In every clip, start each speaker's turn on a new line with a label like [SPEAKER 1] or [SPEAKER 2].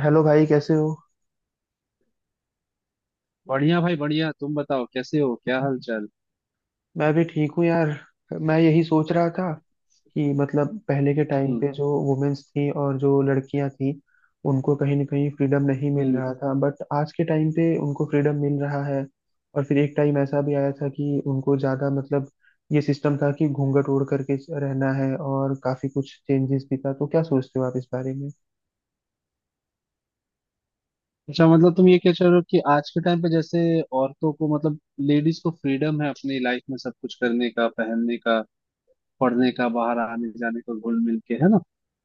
[SPEAKER 1] Hello भाई, कैसे हो।
[SPEAKER 2] बढ़िया भाई बढ़िया। तुम बताओ कैसे हो, क्या हाल चाल।
[SPEAKER 1] मैं भी ठीक हूँ यार। मैं यही सोच रहा था कि मतलब पहले के टाइम
[SPEAKER 2] हम्म।
[SPEAKER 1] पे जो वुमेन्स थी और जो लड़कियां थी, उनको कहीं ना कहीं फ्रीडम नहीं मिल
[SPEAKER 2] हम्म।
[SPEAKER 1] रहा था, बट आज के टाइम पे उनको फ्रीडम मिल रहा है। और फिर एक टाइम ऐसा भी आया था कि उनको ज़्यादा मतलब ये सिस्टम था कि घूंघट ओढ़ करके रहना है, और काफ़ी कुछ चेंजेस भी था। तो क्या सोचते हो आप इस बारे में।
[SPEAKER 2] अच्छा, मतलब तुम ये क्या चाह रहे हो कि आज के टाइम पे जैसे औरतों को मतलब लेडीज को फ्रीडम है अपनी लाइफ में सब कुछ करने का, पहनने का, पढ़ने का, बाहर आने जाने का, घुल मिल के, है ना।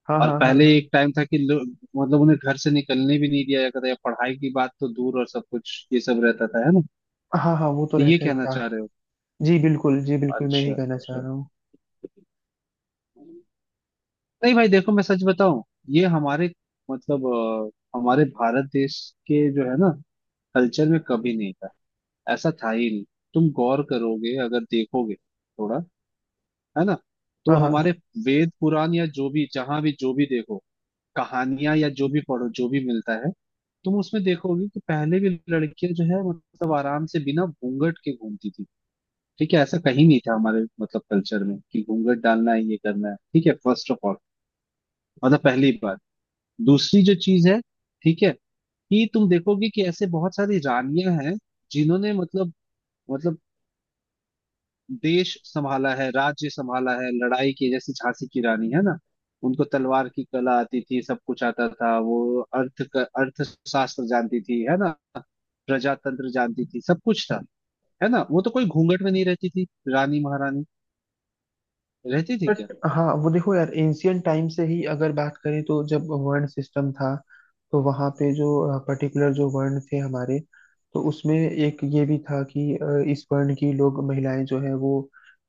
[SPEAKER 1] हाँ
[SPEAKER 2] और
[SPEAKER 1] हाँ हाँ
[SPEAKER 2] पहले
[SPEAKER 1] हाँ।
[SPEAKER 2] एक टाइम था कि लोग मतलब उन्हें घर से निकलने भी नहीं दिया जाता था, या पढ़ाई की बात तो दूर, और सब कुछ ये सब रहता था, है ना।
[SPEAKER 1] हाँ हाँ, वो तो
[SPEAKER 2] तो ये
[SPEAKER 1] रहता ही
[SPEAKER 2] कहना
[SPEAKER 1] था।
[SPEAKER 2] चाह रहे हो।
[SPEAKER 1] जी बिल्कुल, जी बिल्कुल, मैं यही
[SPEAKER 2] अच्छा।
[SPEAKER 1] कहना चाह रहा हूँ।
[SPEAKER 2] अच्छा। नहीं भाई, देखो, मैं सच बताऊं, ये हमारे मतलब हमारे भारत देश के जो है ना कल्चर में कभी नहीं था। ऐसा था ही नहीं। तुम गौर करोगे अगर देखोगे थोड़ा, है ना। तो
[SPEAKER 1] हाँ हाँ।
[SPEAKER 2] हमारे वेद पुराण या जो भी, जहां भी जो भी देखो, कहानियां या जो भी पढ़ो जो भी मिलता है, तुम उसमें देखोगे कि पहले भी लड़कियां जो है मतलब आराम से बिना घूंघट के घूमती थी। ठीक है, ऐसा कहीं नहीं था हमारे मतलब कल्चर में कि घूंघट डालना है, ये करना है। ठीक है, फर्स्ट ऑफ ऑल, मतलब पहली बात। दूसरी जो चीज है, ठीक है, कि तुम देखोगे कि ऐसे बहुत सारी रानियां हैं जिन्होंने मतलब मतलब देश संभाला है, राज्य संभाला है, लड़ाई की, जैसे झांसी की रानी है ना। उनको तलवार की कला आती थी, सब कुछ आता था। वो अर्थशास्त्र जानती थी, है ना। प्रजातंत्र जानती थी, सब कुछ था, है ना। वो तो कोई घूंघट में नहीं रहती थी। रानी महारानी रहती थी क्या।
[SPEAKER 1] बट हाँ, वो देखो यार, एंशियंट टाइम से ही अगर बात करें तो जब वर्ण सिस्टम था, तो वहाँ पे जो पर्टिकुलर जो वर्ण थे हमारे, तो उसमें एक ये भी था कि इस वर्ण की लोग महिलाएं जो है वो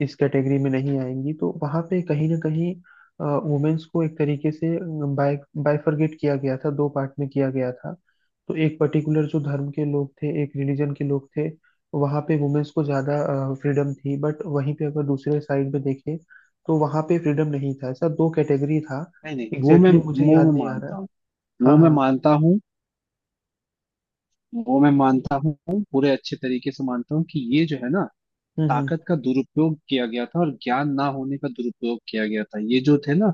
[SPEAKER 1] इस कैटेगरी में नहीं आएंगी। तो वहाँ पे कहीं ना कहीं वुमेन्स को एक तरीके से बाय बाइफरगेट किया गया था, दो पार्ट में किया गया था। तो एक पर्टिकुलर जो धर्म के लोग थे, एक रिलीजन के लोग थे, वहाँ पे वुमेन्स को ज़्यादा फ्रीडम थी, बट वहीं पे अगर दूसरे साइड पे देखें तो वहां पे फ्रीडम नहीं था। ऐसा दो कैटेगरी था।
[SPEAKER 2] नहीं नहीं,
[SPEAKER 1] एग्जैक्टली exactly मुझे
[SPEAKER 2] वो
[SPEAKER 1] याद
[SPEAKER 2] मैं
[SPEAKER 1] नहीं आ
[SPEAKER 2] मानता
[SPEAKER 1] रहा।
[SPEAKER 2] हूँ
[SPEAKER 1] हाँ
[SPEAKER 2] वो मैं
[SPEAKER 1] हाँ।
[SPEAKER 2] मानता हूँ वो मैं मानता हूँ पूरे अच्छे तरीके से, मानता हूँ कि ये जो है ना,
[SPEAKER 1] हम्म।
[SPEAKER 2] ताकत का दुरुपयोग किया गया था, और ज्ञान ना होने का दुरुपयोग किया गया था। ये जो थे ना,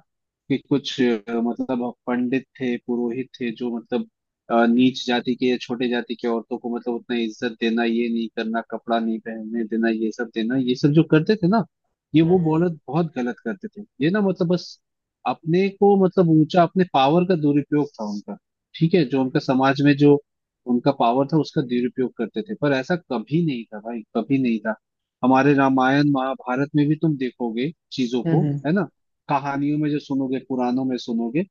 [SPEAKER 2] कि कुछ मतलब पंडित थे, पुरोहित थे, जो मतलब नीच जाति के या छोटे जाति के औरतों को मतलब उतना इज्जत देना, ये नहीं करना, कपड़ा नहीं पहनने देना, ये सब देना, ये सब जो करते थे ना, ये वो
[SPEAKER 1] हम्म
[SPEAKER 2] बहुत बहुत गलत करते थे। ये ना मतलब बस अपने को मतलब ऊंचा, अपने पावर का दुरुपयोग था उनका। ठीक है, जो उनका समाज में जो उनका पावर था उसका दुरुपयोग करते थे, पर ऐसा कभी नहीं था भाई, कभी नहीं था। हमारे रामायण महाभारत में भी तुम देखोगे चीजों को,
[SPEAKER 1] हम्म।
[SPEAKER 2] है ना। कहानियों में जो सुनोगे, पुराणों में सुनोगे,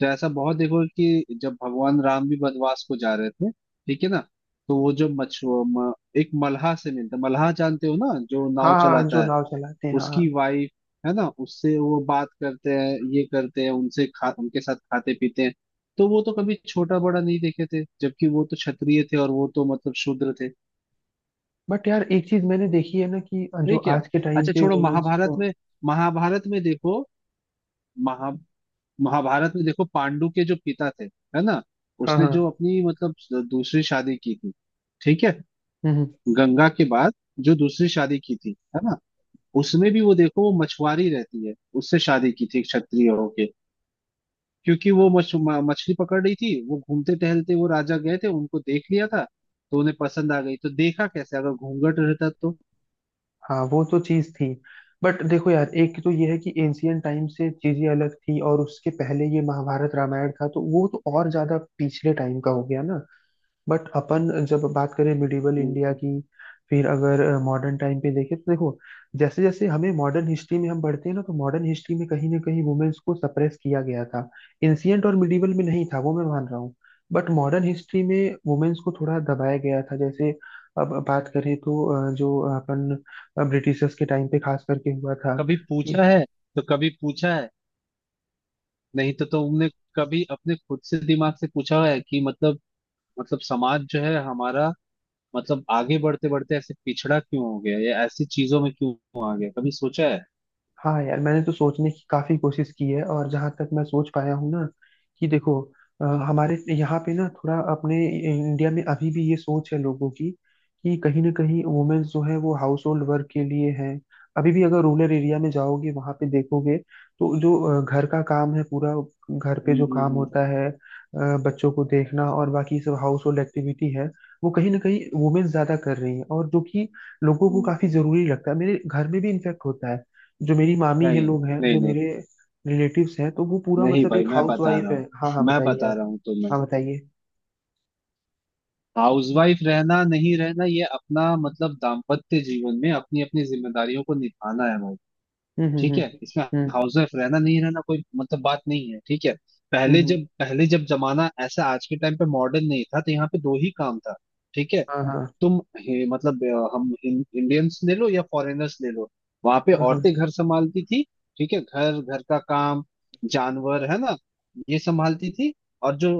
[SPEAKER 2] तो ऐसा बहुत देखोगे, कि जब भगवान राम भी वनवास को जा रहे थे, ठीक है ना, तो वो जो एक मल्हा से मिलता, मल्हा जानते हो ना जो
[SPEAKER 1] हाँ
[SPEAKER 2] नाव
[SPEAKER 1] हाँ, जो
[SPEAKER 2] चलाता है,
[SPEAKER 1] नाव चलाते हैं, हाँ हाँ।
[SPEAKER 2] उसकी वाइफ, है ना, उससे वो बात करते हैं, ये करते हैं, उनसे खा, उनके साथ खाते पीते हैं। तो वो तो कभी छोटा बड़ा नहीं देखे थे, जबकि वो तो क्षत्रिय थे और वो तो मतलब शूद्र थे।
[SPEAKER 1] बट यार एक चीज मैंने देखी है ना, कि जो
[SPEAKER 2] है क्या।
[SPEAKER 1] आज के टाइम
[SPEAKER 2] अच्छा
[SPEAKER 1] पे
[SPEAKER 2] छोड़ो,
[SPEAKER 1] वुमेन्स
[SPEAKER 2] महाभारत
[SPEAKER 1] को।
[SPEAKER 2] में, महाभारत में देखो, महा महाभारत में देखो, पांडु के जो पिता थे, है ना,
[SPEAKER 1] हाँ
[SPEAKER 2] उसने
[SPEAKER 1] हाँ।
[SPEAKER 2] जो अपनी मतलब दूसरी शादी की थी, ठीक है,
[SPEAKER 1] हम्म हम्म।
[SPEAKER 2] गंगा के बाद जो दूसरी शादी की थी, है ना, उसमें भी वो देखो, वो मछुआरी रहती है, उससे शादी की थी क्षत्रिय होके। क्योंकि वो मछली पकड़ रही थी, वो घूमते टहलते वो राजा गए थे, उनको देख लिया था, तो उन्हें पसंद आ गई। तो देखा कैसे, अगर घूंघट रहता तो।
[SPEAKER 1] हाँ वो तो चीज थी। बट देखो यार, एक तो ये है कि एंशियंट टाइम से चीजें अलग थी, और उसके पहले ये महाभारत रामायण था तो वो तो और ज्यादा पिछले टाइम का हो गया ना। बट अपन जब बात करें मिडिवल
[SPEAKER 2] हम्म।
[SPEAKER 1] इंडिया की, फिर अगर मॉडर्न टाइम पे देखें तो देखो, जैसे जैसे हमें मॉडर्न हिस्ट्री में हम बढ़ते हैं ना, तो मॉडर्न हिस्ट्री में कहीं ना कहीं वुमेन्स को सप्रेस किया गया था। इंसियंट और मिडिवल में नहीं था, वो मैं मान रहा हूँ। बट मॉडर्न हिस्ट्री में वुमेन्स को थोड़ा दबाया गया था। जैसे अब बात करें तो जो अपन ब्रिटिशर्स के टाइम पे खास करके हुआ था।
[SPEAKER 2] कभी
[SPEAKER 1] कि
[SPEAKER 2] पूछा है, तो कभी पूछा है, नहीं तो तुमने कभी अपने खुद से दिमाग से पूछा है कि मतलब समाज जो है हमारा मतलब आगे बढ़ते बढ़ते ऐसे पिछड़ा क्यों हो गया, या ऐसी चीजों में क्यों आ गया, कभी सोचा है।
[SPEAKER 1] हाँ यार, मैंने तो सोचने की काफी कोशिश की है, और जहां तक मैं सोच पाया हूँ ना, कि देखो, हमारे यहाँ पे ना थोड़ा अपने इंडिया में अभी भी ये सोच है लोगों की, कि कहीं ना कहीं वुमेन्स जो है वो हाउस होल्ड वर्क के लिए है। अभी भी अगर रूरल एरिया में जाओगे वहां पे देखोगे, तो जो घर का काम है पूरा, घर पे
[SPEAKER 2] हम्म।
[SPEAKER 1] जो
[SPEAKER 2] हम्म।
[SPEAKER 1] काम
[SPEAKER 2] हम्म।
[SPEAKER 1] होता है, बच्चों को देखना और बाकी सब हाउस होल्ड एक्टिविटी है, वो कहीं ना कहीं वुमेन्स ज्यादा कर रही हैं। और जो कि लोगों को
[SPEAKER 2] हम्म।
[SPEAKER 1] काफी जरूरी लगता है, मेरे घर में भी इन्फेक्ट होता है। जो मेरी मामी है,
[SPEAKER 2] नहीं
[SPEAKER 1] लोग हैं
[SPEAKER 2] नहीं।
[SPEAKER 1] जो
[SPEAKER 2] नहीं
[SPEAKER 1] मेरे रिलेटिव्स हैं, तो वो पूरा
[SPEAKER 2] नहीं
[SPEAKER 1] मतलब
[SPEAKER 2] भाई,
[SPEAKER 1] एक हाउस वाइफ है। हाँ हाँ,
[SPEAKER 2] मैं
[SPEAKER 1] बताइए
[SPEAKER 2] बता
[SPEAKER 1] आप।
[SPEAKER 2] रहा हूँ तुम्हें।
[SPEAKER 1] हाँ बताइए।
[SPEAKER 2] हाउसवाइफ रहना नहीं रहना, ये अपना मतलब दाम्पत्य जीवन में अपनी अपनी जिम्मेदारियों को निभाना है भाई। ठीक है, इसमें
[SPEAKER 1] हम्म।
[SPEAKER 2] हाउस वाइफ रहना नहीं रहना कोई मतलब बात नहीं है। ठीक है।
[SPEAKER 1] हम्म।
[SPEAKER 2] पहले जब जमाना ऐसा आज के टाइम पे मॉडर्न नहीं था, तो यहाँ पे दो ही काम था। ठीक है,
[SPEAKER 1] हाँ हाँ
[SPEAKER 2] मतलब हम इंडियंस ले लो या फॉरेनर्स ले लो, वहां पे
[SPEAKER 1] हाँ हाँ।
[SPEAKER 2] औरतें घर संभालती थी। ठीक है, घर घर का काम, जानवर है ना, ये संभालती थी। और जो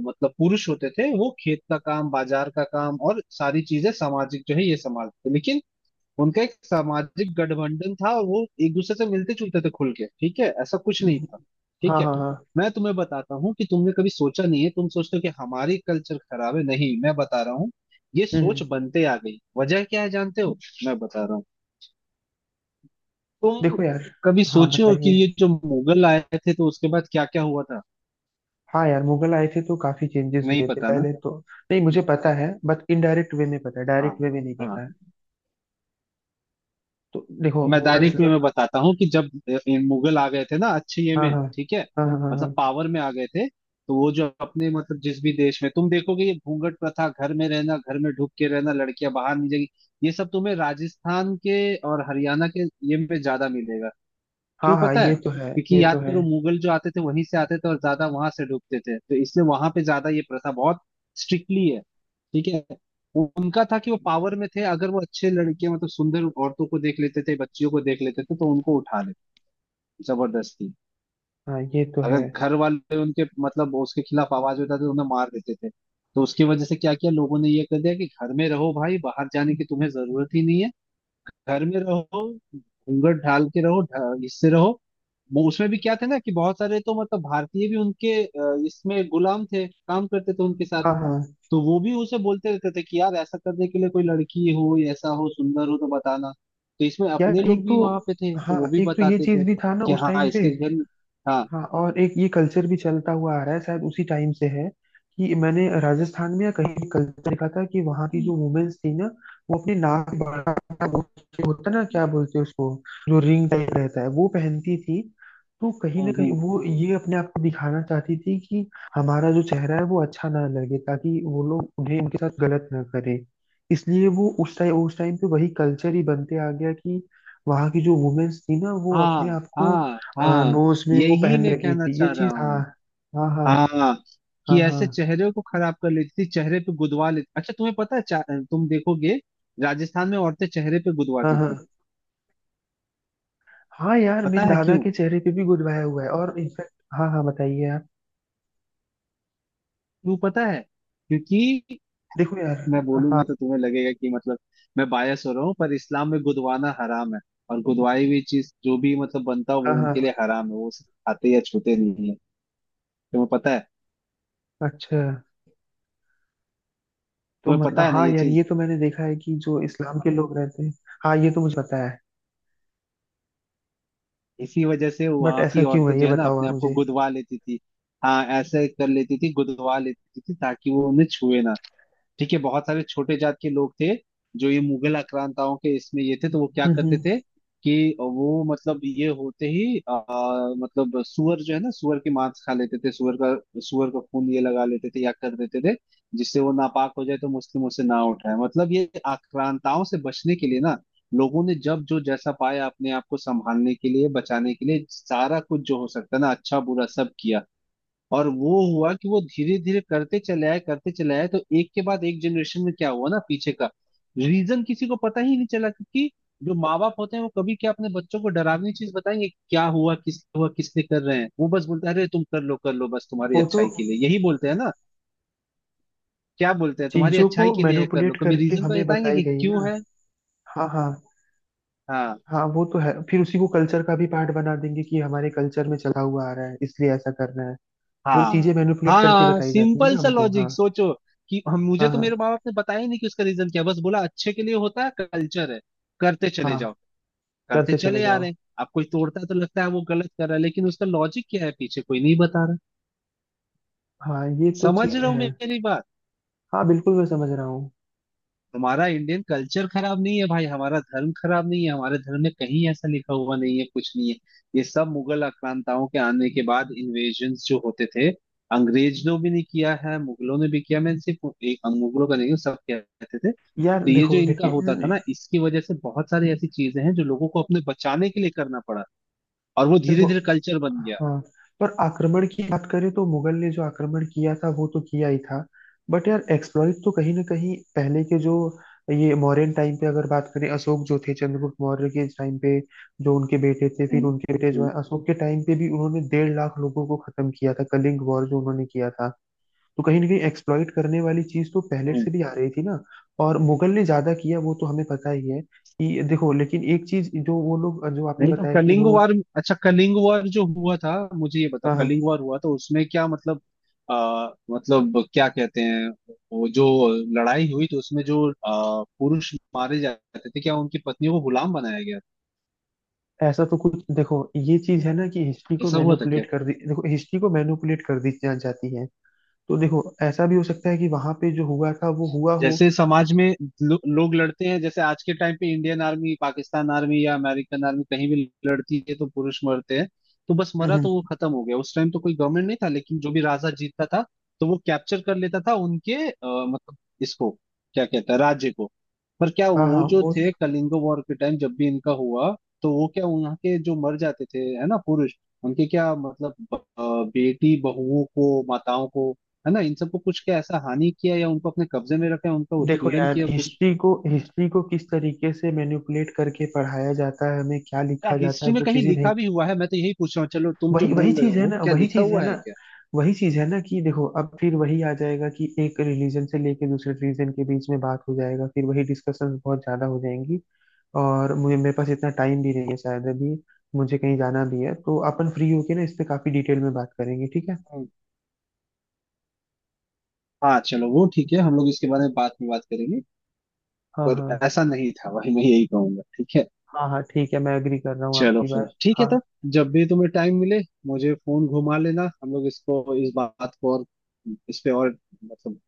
[SPEAKER 2] मतलब पुरुष होते थे, वो खेत का काम, बाजार का काम, और सारी चीजें सामाजिक जो है, ये संभालते थे, लेकिन उनका एक सामाजिक गठबंधन था, और वो एक दूसरे से मिलते जुलते थे खुल के। ठीक है, ऐसा कुछ नहीं
[SPEAKER 1] हम्म।
[SPEAKER 2] था। ठीक
[SPEAKER 1] हाँ
[SPEAKER 2] है,
[SPEAKER 1] हाँ हाँ।
[SPEAKER 2] मैं तुम्हें बताता हूँ कि तुमने कभी सोचा नहीं है, तुम सोचते हो कि हमारी कल्चर खराब है, नहीं मैं बता रहा हूँ। ये
[SPEAKER 1] हम्म।
[SPEAKER 2] सोच बनते आ गई, वजह क्या है जानते हो। मैं बता रहा हूँ, तुम
[SPEAKER 1] देखो यार।
[SPEAKER 2] कभी
[SPEAKER 1] हाँ
[SPEAKER 2] सोचे हो कि
[SPEAKER 1] बताइए।
[SPEAKER 2] ये जो मुगल आए थे, तो उसके बाद क्या क्या हुआ था।
[SPEAKER 1] हाँ यार, मुगल आए थे तो काफी चेंजेस
[SPEAKER 2] नहीं
[SPEAKER 1] हुए थे
[SPEAKER 2] पता ना।
[SPEAKER 1] पहले तो। नहीं, मुझे पता है, बट इनडायरेक्ट वे में पता है,
[SPEAKER 2] हाँ।
[SPEAKER 1] डायरेक्ट वे में नहीं
[SPEAKER 2] हाँ।
[SPEAKER 1] पता है। तो देखो
[SPEAKER 2] मैं
[SPEAKER 1] मुगल से
[SPEAKER 2] डायरेक्ट वे
[SPEAKER 1] सब।
[SPEAKER 2] में बताता हूँ कि जब इन मुगल आ गए थे ना, अच्छे ये
[SPEAKER 1] हाँ
[SPEAKER 2] में,
[SPEAKER 1] हाँ।
[SPEAKER 2] ठीक है,
[SPEAKER 1] हाँ हाँ
[SPEAKER 2] मतलब
[SPEAKER 1] हाँ।
[SPEAKER 2] पावर में आ गए थे, तो वो जो अपने मतलब जिस भी देश में तुम देखोगे, ये घूंघट प्रथा, घर में रहना, घर में ढुक के रहना, लड़कियां बाहर नहीं जाएगी, ये सब तुम्हें राजस्थान के और हरियाणा के ये में ज्यादा मिलेगा।
[SPEAKER 1] हाँ
[SPEAKER 2] क्यों
[SPEAKER 1] हाँ हाँ
[SPEAKER 2] पता है।
[SPEAKER 1] ये तो है, ये
[SPEAKER 2] क्योंकि याद
[SPEAKER 1] तो है।
[SPEAKER 2] करो, मुगल जो आते थे वहीं से आते थे और ज्यादा वहां से डूबते थे, तो इसलिए वहां पे ज्यादा ये प्रथा बहुत स्ट्रिक्टली है। ठीक है, उनका था कि वो पावर में थे, अगर वो अच्छे लड़के मतलब सुंदर औरतों को देख लेते थे, बच्चियों को देख लेते थे, तो उनको उठा लेते, जबरदस्ती।
[SPEAKER 1] हाँ ये तो
[SPEAKER 2] अगर
[SPEAKER 1] है।
[SPEAKER 2] घर वाले उनके मतलब उसके खिलाफ आवाज उठाते, तो उन्हें मार देते थे। तो उसकी वजह से क्या किया लोगों ने, ये कर दिया कि घर में रहो भाई, बाहर जाने की तुम्हें जरूरत ही नहीं है, घर में रहो, घूंघट ढाल के रहो, इससे रहो। वो उसमें भी क्या थे ना कि बहुत सारे तो मतलब भारतीय भी उनके इसमें गुलाम थे, काम करते थे उनके साथ,
[SPEAKER 1] हाँ हाँ
[SPEAKER 2] तो वो भी उसे बोलते रहते थे कि यार ऐसा करने के लिए कोई लड़की हो या ऐसा हो, सुंदर हो तो बताना। तो इसमें अपने
[SPEAKER 1] यार एक
[SPEAKER 2] लोग
[SPEAKER 1] तो।
[SPEAKER 2] भी वहां पे थे, तो
[SPEAKER 1] हाँ
[SPEAKER 2] वो भी
[SPEAKER 1] एक तो ये
[SPEAKER 2] बताते
[SPEAKER 1] चीज
[SPEAKER 2] थे
[SPEAKER 1] भी था ना
[SPEAKER 2] कि
[SPEAKER 1] उस
[SPEAKER 2] हाँ
[SPEAKER 1] टाइम पे।
[SPEAKER 2] इसके घर। हाँ।
[SPEAKER 1] हाँ और एक ये कल्चर भी चलता हुआ आ रहा है शायद उसी टाइम से है, कि मैंने राजस्थान में या कहीं भी कल्चर देखा था कि वहाँ की
[SPEAKER 2] हम्म।
[SPEAKER 1] जो वुमेन्स थी ना, वो अपने नाक के बाहर का वो होता ना, क्या बोलते हैं उसको, जो रिंग टाइप रहता है, वो पहनती थी। तो कहीं ना
[SPEAKER 2] हम्म।
[SPEAKER 1] कहीं
[SPEAKER 2] हम्म।
[SPEAKER 1] वो ये अपने आप को दिखाना चाहती थी कि हमारा जो चेहरा है वो अच्छा ना लगे, ताकि वो लोग उन्हें उनके साथ गलत ना करे। इसलिए वो उस टाइम पे वही कल्चर ही बनते आ गया कि वहाँ की जो वुमेन्स थी ना वो अपने
[SPEAKER 2] हाँ
[SPEAKER 1] आप को।
[SPEAKER 2] हाँ
[SPEAKER 1] हाँ
[SPEAKER 2] हाँ।
[SPEAKER 1] नोज में वो
[SPEAKER 2] यही
[SPEAKER 1] पहन
[SPEAKER 2] मैं
[SPEAKER 1] रखी
[SPEAKER 2] कहना
[SPEAKER 1] थी ये
[SPEAKER 2] चाह रहा
[SPEAKER 1] चीज, हाँ।
[SPEAKER 2] हूँ।
[SPEAKER 1] हाँ हाँ।
[SPEAKER 2] हाँ।
[SPEAKER 1] हाँ
[SPEAKER 2] कि
[SPEAKER 1] हाँ।
[SPEAKER 2] ऐसे चेहरे को खराब कर लेती थी, चेहरे पे गुदवा लेती। अच्छा तुम्हें पता है तुम देखोगे, राजस्थान में औरतें चेहरे पे
[SPEAKER 1] हाँ
[SPEAKER 2] गुदवाती थी।
[SPEAKER 1] हाँ हाँ यार,
[SPEAKER 2] पता
[SPEAKER 1] मेरे
[SPEAKER 2] है
[SPEAKER 1] दादा
[SPEAKER 2] क्यों।
[SPEAKER 1] के चेहरे पे भी गुदवाया हुआ है, और इनफैक्ट। हाँ हाँ, बताइए आप।
[SPEAKER 2] क्यों पता है। क्योंकि
[SPEAKER 1] देखो
[SPEAKER 2] मैं
[SPEAKER 1] यार। हाँ
[SPEAKER 2] बोलूंगा तो तुम्हें लगेगा कि मतलब मैं बायस हो रहा हूँ, पर इस्लाम में गुदवाना हराम है। और गुदवाई हुई चीज जो भी मतलब बनता है,
[SPEAKER 1] हाँ
[SPEAKER 2] वो उनके लिए
[SPEAKER 1] हाँ।
[SPEAKER 2] हराम है, वो उसे खाते या छूते नहीं है। तुम्हें पता है,
[SPEAKER 1] अच्छा, तो
[SPEAKER 2] तुम्हें
[SPEAKER 1] मतलब
[SPEAKER 2] पता है ना
[SPEAKER 1] हाँ
[SPEAKER 2] ये
[SPEAKER 1] यार
[SPEAKER 2] चीज।
[SPEAKER 1] ये तो मैंने देखा है कि जो इस्लाम के लोग रहते हैं। हाँ ये तो मुझे पता है।
[SPEAKER 2] इसी वजह से
[SPEAKER 1] बट
[SPEAKER 2] वहां की
[SPEAKER 1] ऐसा क्यों
[SPEAKER 2] औरतें
[SPEAKER 1] है ये
[SPEAKER 2] जो है ना
[SPEAKER 1] बताओ
[SPEAKER 2] अपने
[SPEAKER 1] आप
[SPEAKER 2] आप को
[SPEAKER 1] मुझे।
[SPEAKER 2] गुदवा लेती थी। हाँ ऐसे कर लेती थी, गुदवा लेती थी, ताकि वो उन्हें छुए ना। ठीक है, बहुत सारे छोटे जात के लोग थे, जो ये मुगल आक्रांताओं के इसमें ये थे, तो वो क्या
[SPEAKER 1] हम्म
[SPEAKER 2] करते
[SPEAKER 1] हम्म,
[SPEAKER 2] थे कि वो मतलब ये होते ही मतलब सुअर जो है ना, सुअर के मांस खा लेते थे, सुअर का खून ये लगा लेते थे या कर देते थे, जिससे वो नापाक हो जाए, तो मुस्लिम उसे ना उठाए, मतलब ये आक्रांताओं से बचने के लिए ना लोगों ने जब जो जैसा पाया अपने आप को संभालने के लिए, बचाने के लिए, सारा कुछ जो हो सकता है ना, अच्छा बुरा सब किया। और वो हुआ कि वो धीरे धीरे करते चले आए, करते चले आए, तो एक के बाद एक जनरेशन में क्या हुआ ना, पीछे का रीजन किसी को पता ही नहीं चला। क्योंकि जो माँ बाप होते हैं वो कभी क्या अपने बच्चों को डरावनी चीज बताएंगे कि क्या हुआ, किस हुआ, किसने कर रहे हैं, वो बस बोलते हैं अरे तुम कर लो कर लो, बस तुम्हारी
[SPEAKER 1] वो तो
[SPEAKER 2] अच्छाई के लिए, यही बोलते हैं ना। क्या बोलते हैं, तुम्हारी
[SPEAKER 1] चीजों को
[SPEAKER 2] अच्छाई के लिए है, कर लो,
[SPEAKER 1] मैनिपुलेट
[SPEAKER 2] कभी
[SPEAKER 1] करके
[SPEAKER 2] रीजन तो
[SPEAKER 1] हमें
[SPEAKER 2] बताएंगे
[SPEAKER 1] बताई
[SPEAKER 2] कि
[SPEAKER 1] गई
[SPEAKER 2] क्यों
[SPEAKER 1] ना।
[SPEAKER 2] है।
[SPEAKER 1] हाँ हाँ।
[SPEAKER 2] हाँ।
[SPEAKER 1] हाँ वो तो है, फिर उसी को कल्चर का भी पार्ट बना देंगे कि ये हमारे कल्चर में चला हुआ आ रहा है इसलिए ऐसा करना है। वो
[SPEAKER 2] हाँ।
[SPEAKER 1] चीजें मैनिपुलेट करके
[SPEAKER 2] हाँ,
[SPEAKER 1] बताई जाती है
[SPEAKER 2] सिंपल
[SPEAKER 1] ना
[SPEAKER 2] सा
[SPEAKER 1] हमको,
[SPEAKER 2] लॉजिक
[SPEAKER 1] हाँ।
[SPEAKER 2] सोचो कि हम,
[SPEAKER 1] हाँ
[SPEAKER 2] मुझे तो
[SPEAKER 1] हाँ।
[SPEAKER 2] मेरे माँ बाप ने बताया ही नहीं कि उसका रीजन क्या है, बस बोला अच्छे के लिए होता है, कल्चर है, करते चले
[SPEAKER 1] हाँ
[SPEAKER 2] जाओ। करते
[SPEAKER 1] करते चले
[SPEAKER 2] चले आ
[SPEAKER 1] जाओ।
[SPEAKER 2] रहे हैं, अब कोई तोड़ता है तो लगता है वो गलत कर रहा है, लेकिन उसका लॉजिक क्या है पीछे कोई नहीं बता रहा।
[SPEAKER 1] हाँ ये तो
[SPEAKER 2] समझ
[SPEAKER 1] चीज
[SPEAKER 2] रहे हो
[SPEAKER 1] है।
[SPEAKER 2] मेरी बात।
[SPEAKER 1] हाँ बिल्कुल मैं समझ रहा हूँ।
[SPEAKER 2] हमारा इंडियन कल्चर खराब नहीं है भाई, हमारा धर्म खराब नहीं है, हमारे धर्म में कहीं ऐसा लिखा हुआ नहीं है, कुछ नहीं है। ये सब मुगल आक्रांताओं के आने के बाद इन्वेजन जो होते थे, अंग्रेजों भी नहीं किया है, मुगलों ने भी किया, मैं सिर्फ एक मुगलों का नहीं हूँ, सब कहते थे,
[SPEAKER 1] यार
[SPEAKER 2] तो ये जो
[SPEAKER 1] देखो
[SPEAKER 2] इनका होता था
[SPEAKER 1] लेकिन।
[SPEAKER 2] ना, इसकी वजह से बहुत सारी ऐसी चीजें हैं जो लोगों को अपने बचाने के लिए करना पड़ा। और वो
[SPEAKER 1] देखो।
[SPEAKER 2] धीरे धीरे कल्चर बन गया।
[SPEAKER 1] हाँ पर आक्रमण की बात करें तो मुगल ने जो आक्रमण किया था वो तो किया ही था। बट यार एक्सप्लॉइट तो कहीं ना कहीं पहले के जो ये मौर्यन टाइम पे अगर बात करें, अशोक जो थे, चंद्रगुप्त मौर्य के टाइम पे जो उनके बेटे थे, फिर
[SPEAKER 2] हम्म।
[SPEAKER 1] उनके बेटे जो है
[SPEAKER 2] हम्म।
[SPEAKER 1] अशोक के टाइम पे भी उन्होंने 1,50,000 लोगों को खत्म किया था, कलिंग वॉर जो उन्होंने किया था। तो कहीं ना कहीं एक्सप्लॉइट करने वाली चीज तो पहले से
[SPEAKER 2] हम्म।
[SPEAKER 1] भी आ रही थी ना। और मुगल ने ज्यादा किया, वो तो हमें पता ही है कि देखो। लेकिन एक चीज जो वो लोग जो आपने
[SPEAKER 2] नहीं तो
[SPEAKER 1] बताया कि
[SPEAKER 2] कलिंग
[SPEAKER 1] वो।
[SPEAKER 2] वार, अच्छा कलिंग वार जो हुआ था, मुझे ये बताओ,
[SPEAKER 1] हाँ हाँ,
[SPEAKER 2] कलिंग वार हुआ तो उसमें क्या मतलब मतलब क्या कहते हैं, वो जो लड़ाई हुई तो उसमें जो पुरुष मारे जाते थे, क्या उनकी पत्नियों को गुलाम बनाया गया था?
[SPEAKER 1] ऐसा तो कुछ, देखो ये चीज है ना कि हिस्ट्री को
[SPEAKER 2] ऐसा हुआ था क्या।
[SPEAKER 1] मैनिपुलेट कर दी, देखो हिस्ट्री को मैनिपुलेट कर दी जाती है। तो देखो ऐसा भी हो सकता है कि वहां पे जो हुआ था वो हुआ हो।
[SPEAKER 2] जैसे समाज में लोग लड़ते हैं, जैसे आज के टाइम पे इंडियन आर्मी, पाकिस्तान आर्मी या अमेरिकन आर्मी कहीं भी लड़ती है तो पुरुष मरते हैं, तो बस
[SPEAKER 1] हम्म,
[SPEAKER 2] मरा
[SPEAKER 1] हम्म,
[SPEAKER 2] तो वो खत्म हो गया। उस टाइम तो कोई गवर्नमेंट नहीं था, लेकिन जो भी राजा जीतता था, तो वो कैप्चर कर लेता था उनके मतलब इसको क्या कहता है, राज्य को। पर क्या
[SPEAKER 1] हाँ हाँ।
[SPEAKER 2] वो जो
[SPEAKER 1] वो
[SPEAKER 2] थे कलिंग वॉर के टाइम जब भी इनका हुआ, तो वो क्या वहाँ के जो मर जाते थे है ना पुरुष, उनके क्या मतलब बेटी बहुओं को, माताओं को, है ना, इन सबको कुछ क्या ऐसा हानि किया, या उनको अपने कब्जे में रखा, उनका
[SPEAKER 1] देखो
[SPEAKER 2] उत्पीड़न
[SPEAKER 1] यार,
[SPEAKER 2] किया कुछ।
[SPEAKER 1] हिस्ट्री को किस तरीके से मैनिपुलेट करके पढ़ाया जाता है हमें, क्या
[SPEAKER 2] क्या
[SPEAKER 1] लिखा जाता है
[SPEAKER 2] हिस्ट्री में
[SPEAKER 1] वो
[SPEAKER 2] कहीं
[SPEAKER 1] चीजें नहीं।
[SPEAKER 2] लिखा भी हुआ है, मैं तो यही पूछ रहा हूँ। चलो तुम जो
[SPEAKER 1] वही वही
[SPEAKER 2] बोल रहे
[SPEAKER 1] चीज है
[SPEAKER 2] हो
[SPEAKER 1] ना,
[SPEAKER 2] क्या
[SPEAKER 1] वही
[SPEAKER 2] लिखा
[SPEAKER 1] चीज है
[SPEAKER 2] हुआ
[SPEAKER 1] ना,
[SPEAKER 2] है क्या।
[SPEAKER 1] वही चीज है ना, कि देखो अब फिर वही आ जाएगा कि एक रिलीजन से लेके दूसरे रिलीजन के बीच में बात हो जाएगा, फिर वही डिस्कशंस बहुत ज्यादा हो जाएंगी। और मुझे, मेरे पास इतना टाइम भी नहीं है शायद अभी, मुझे कहीं जाना भी है, तो अपन फ्री होके ना इस पे काफी डिटेल में बात करेंगे, ठीक है।
[SPEAKER 2] हम्म। हाँ चलो वो ठीक है, हम लोग इसके बारे में बाद में बात करेंगे।
[SPEAKER 1] हाँ
[SPEAKER 2] पर
[SPEAKER 1] हाँ।
[SPEAKER 2] ऐसा नहीं था भाई, मैं यही कहूंगा, ठीक है।
[SPEAKER 1] हाँ हाँ ठीक है, मैं एग्री कर रहा हूँ
[SPEAKER 2] चलो
[SPEAKER 1] आपकी
[SPEAKER 2] फिर
[SPEAKER 1] बात,
[SPEAKER 2] ठीक है
[SPEAKER 1] हाँ।
[SPEAKER 2] तब, जब भी तुम्हें टाइम मिले मुझे फोन घुमा लेना, हम लोग इसको इस बात को और, इस पे और, मतलब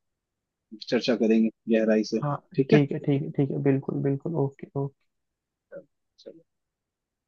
[SPEAKER 2] चर्चा करेंगे, गहराई से।
[SPEAKER 1] हाँ
[SPEAKER 2] ठीक है।
[SPEAKER 1] ठीक है, ठीक है, ठीक है, बिल्कुल बिल्कुल, ओके ओके।
[SPEAKER 2] चलो।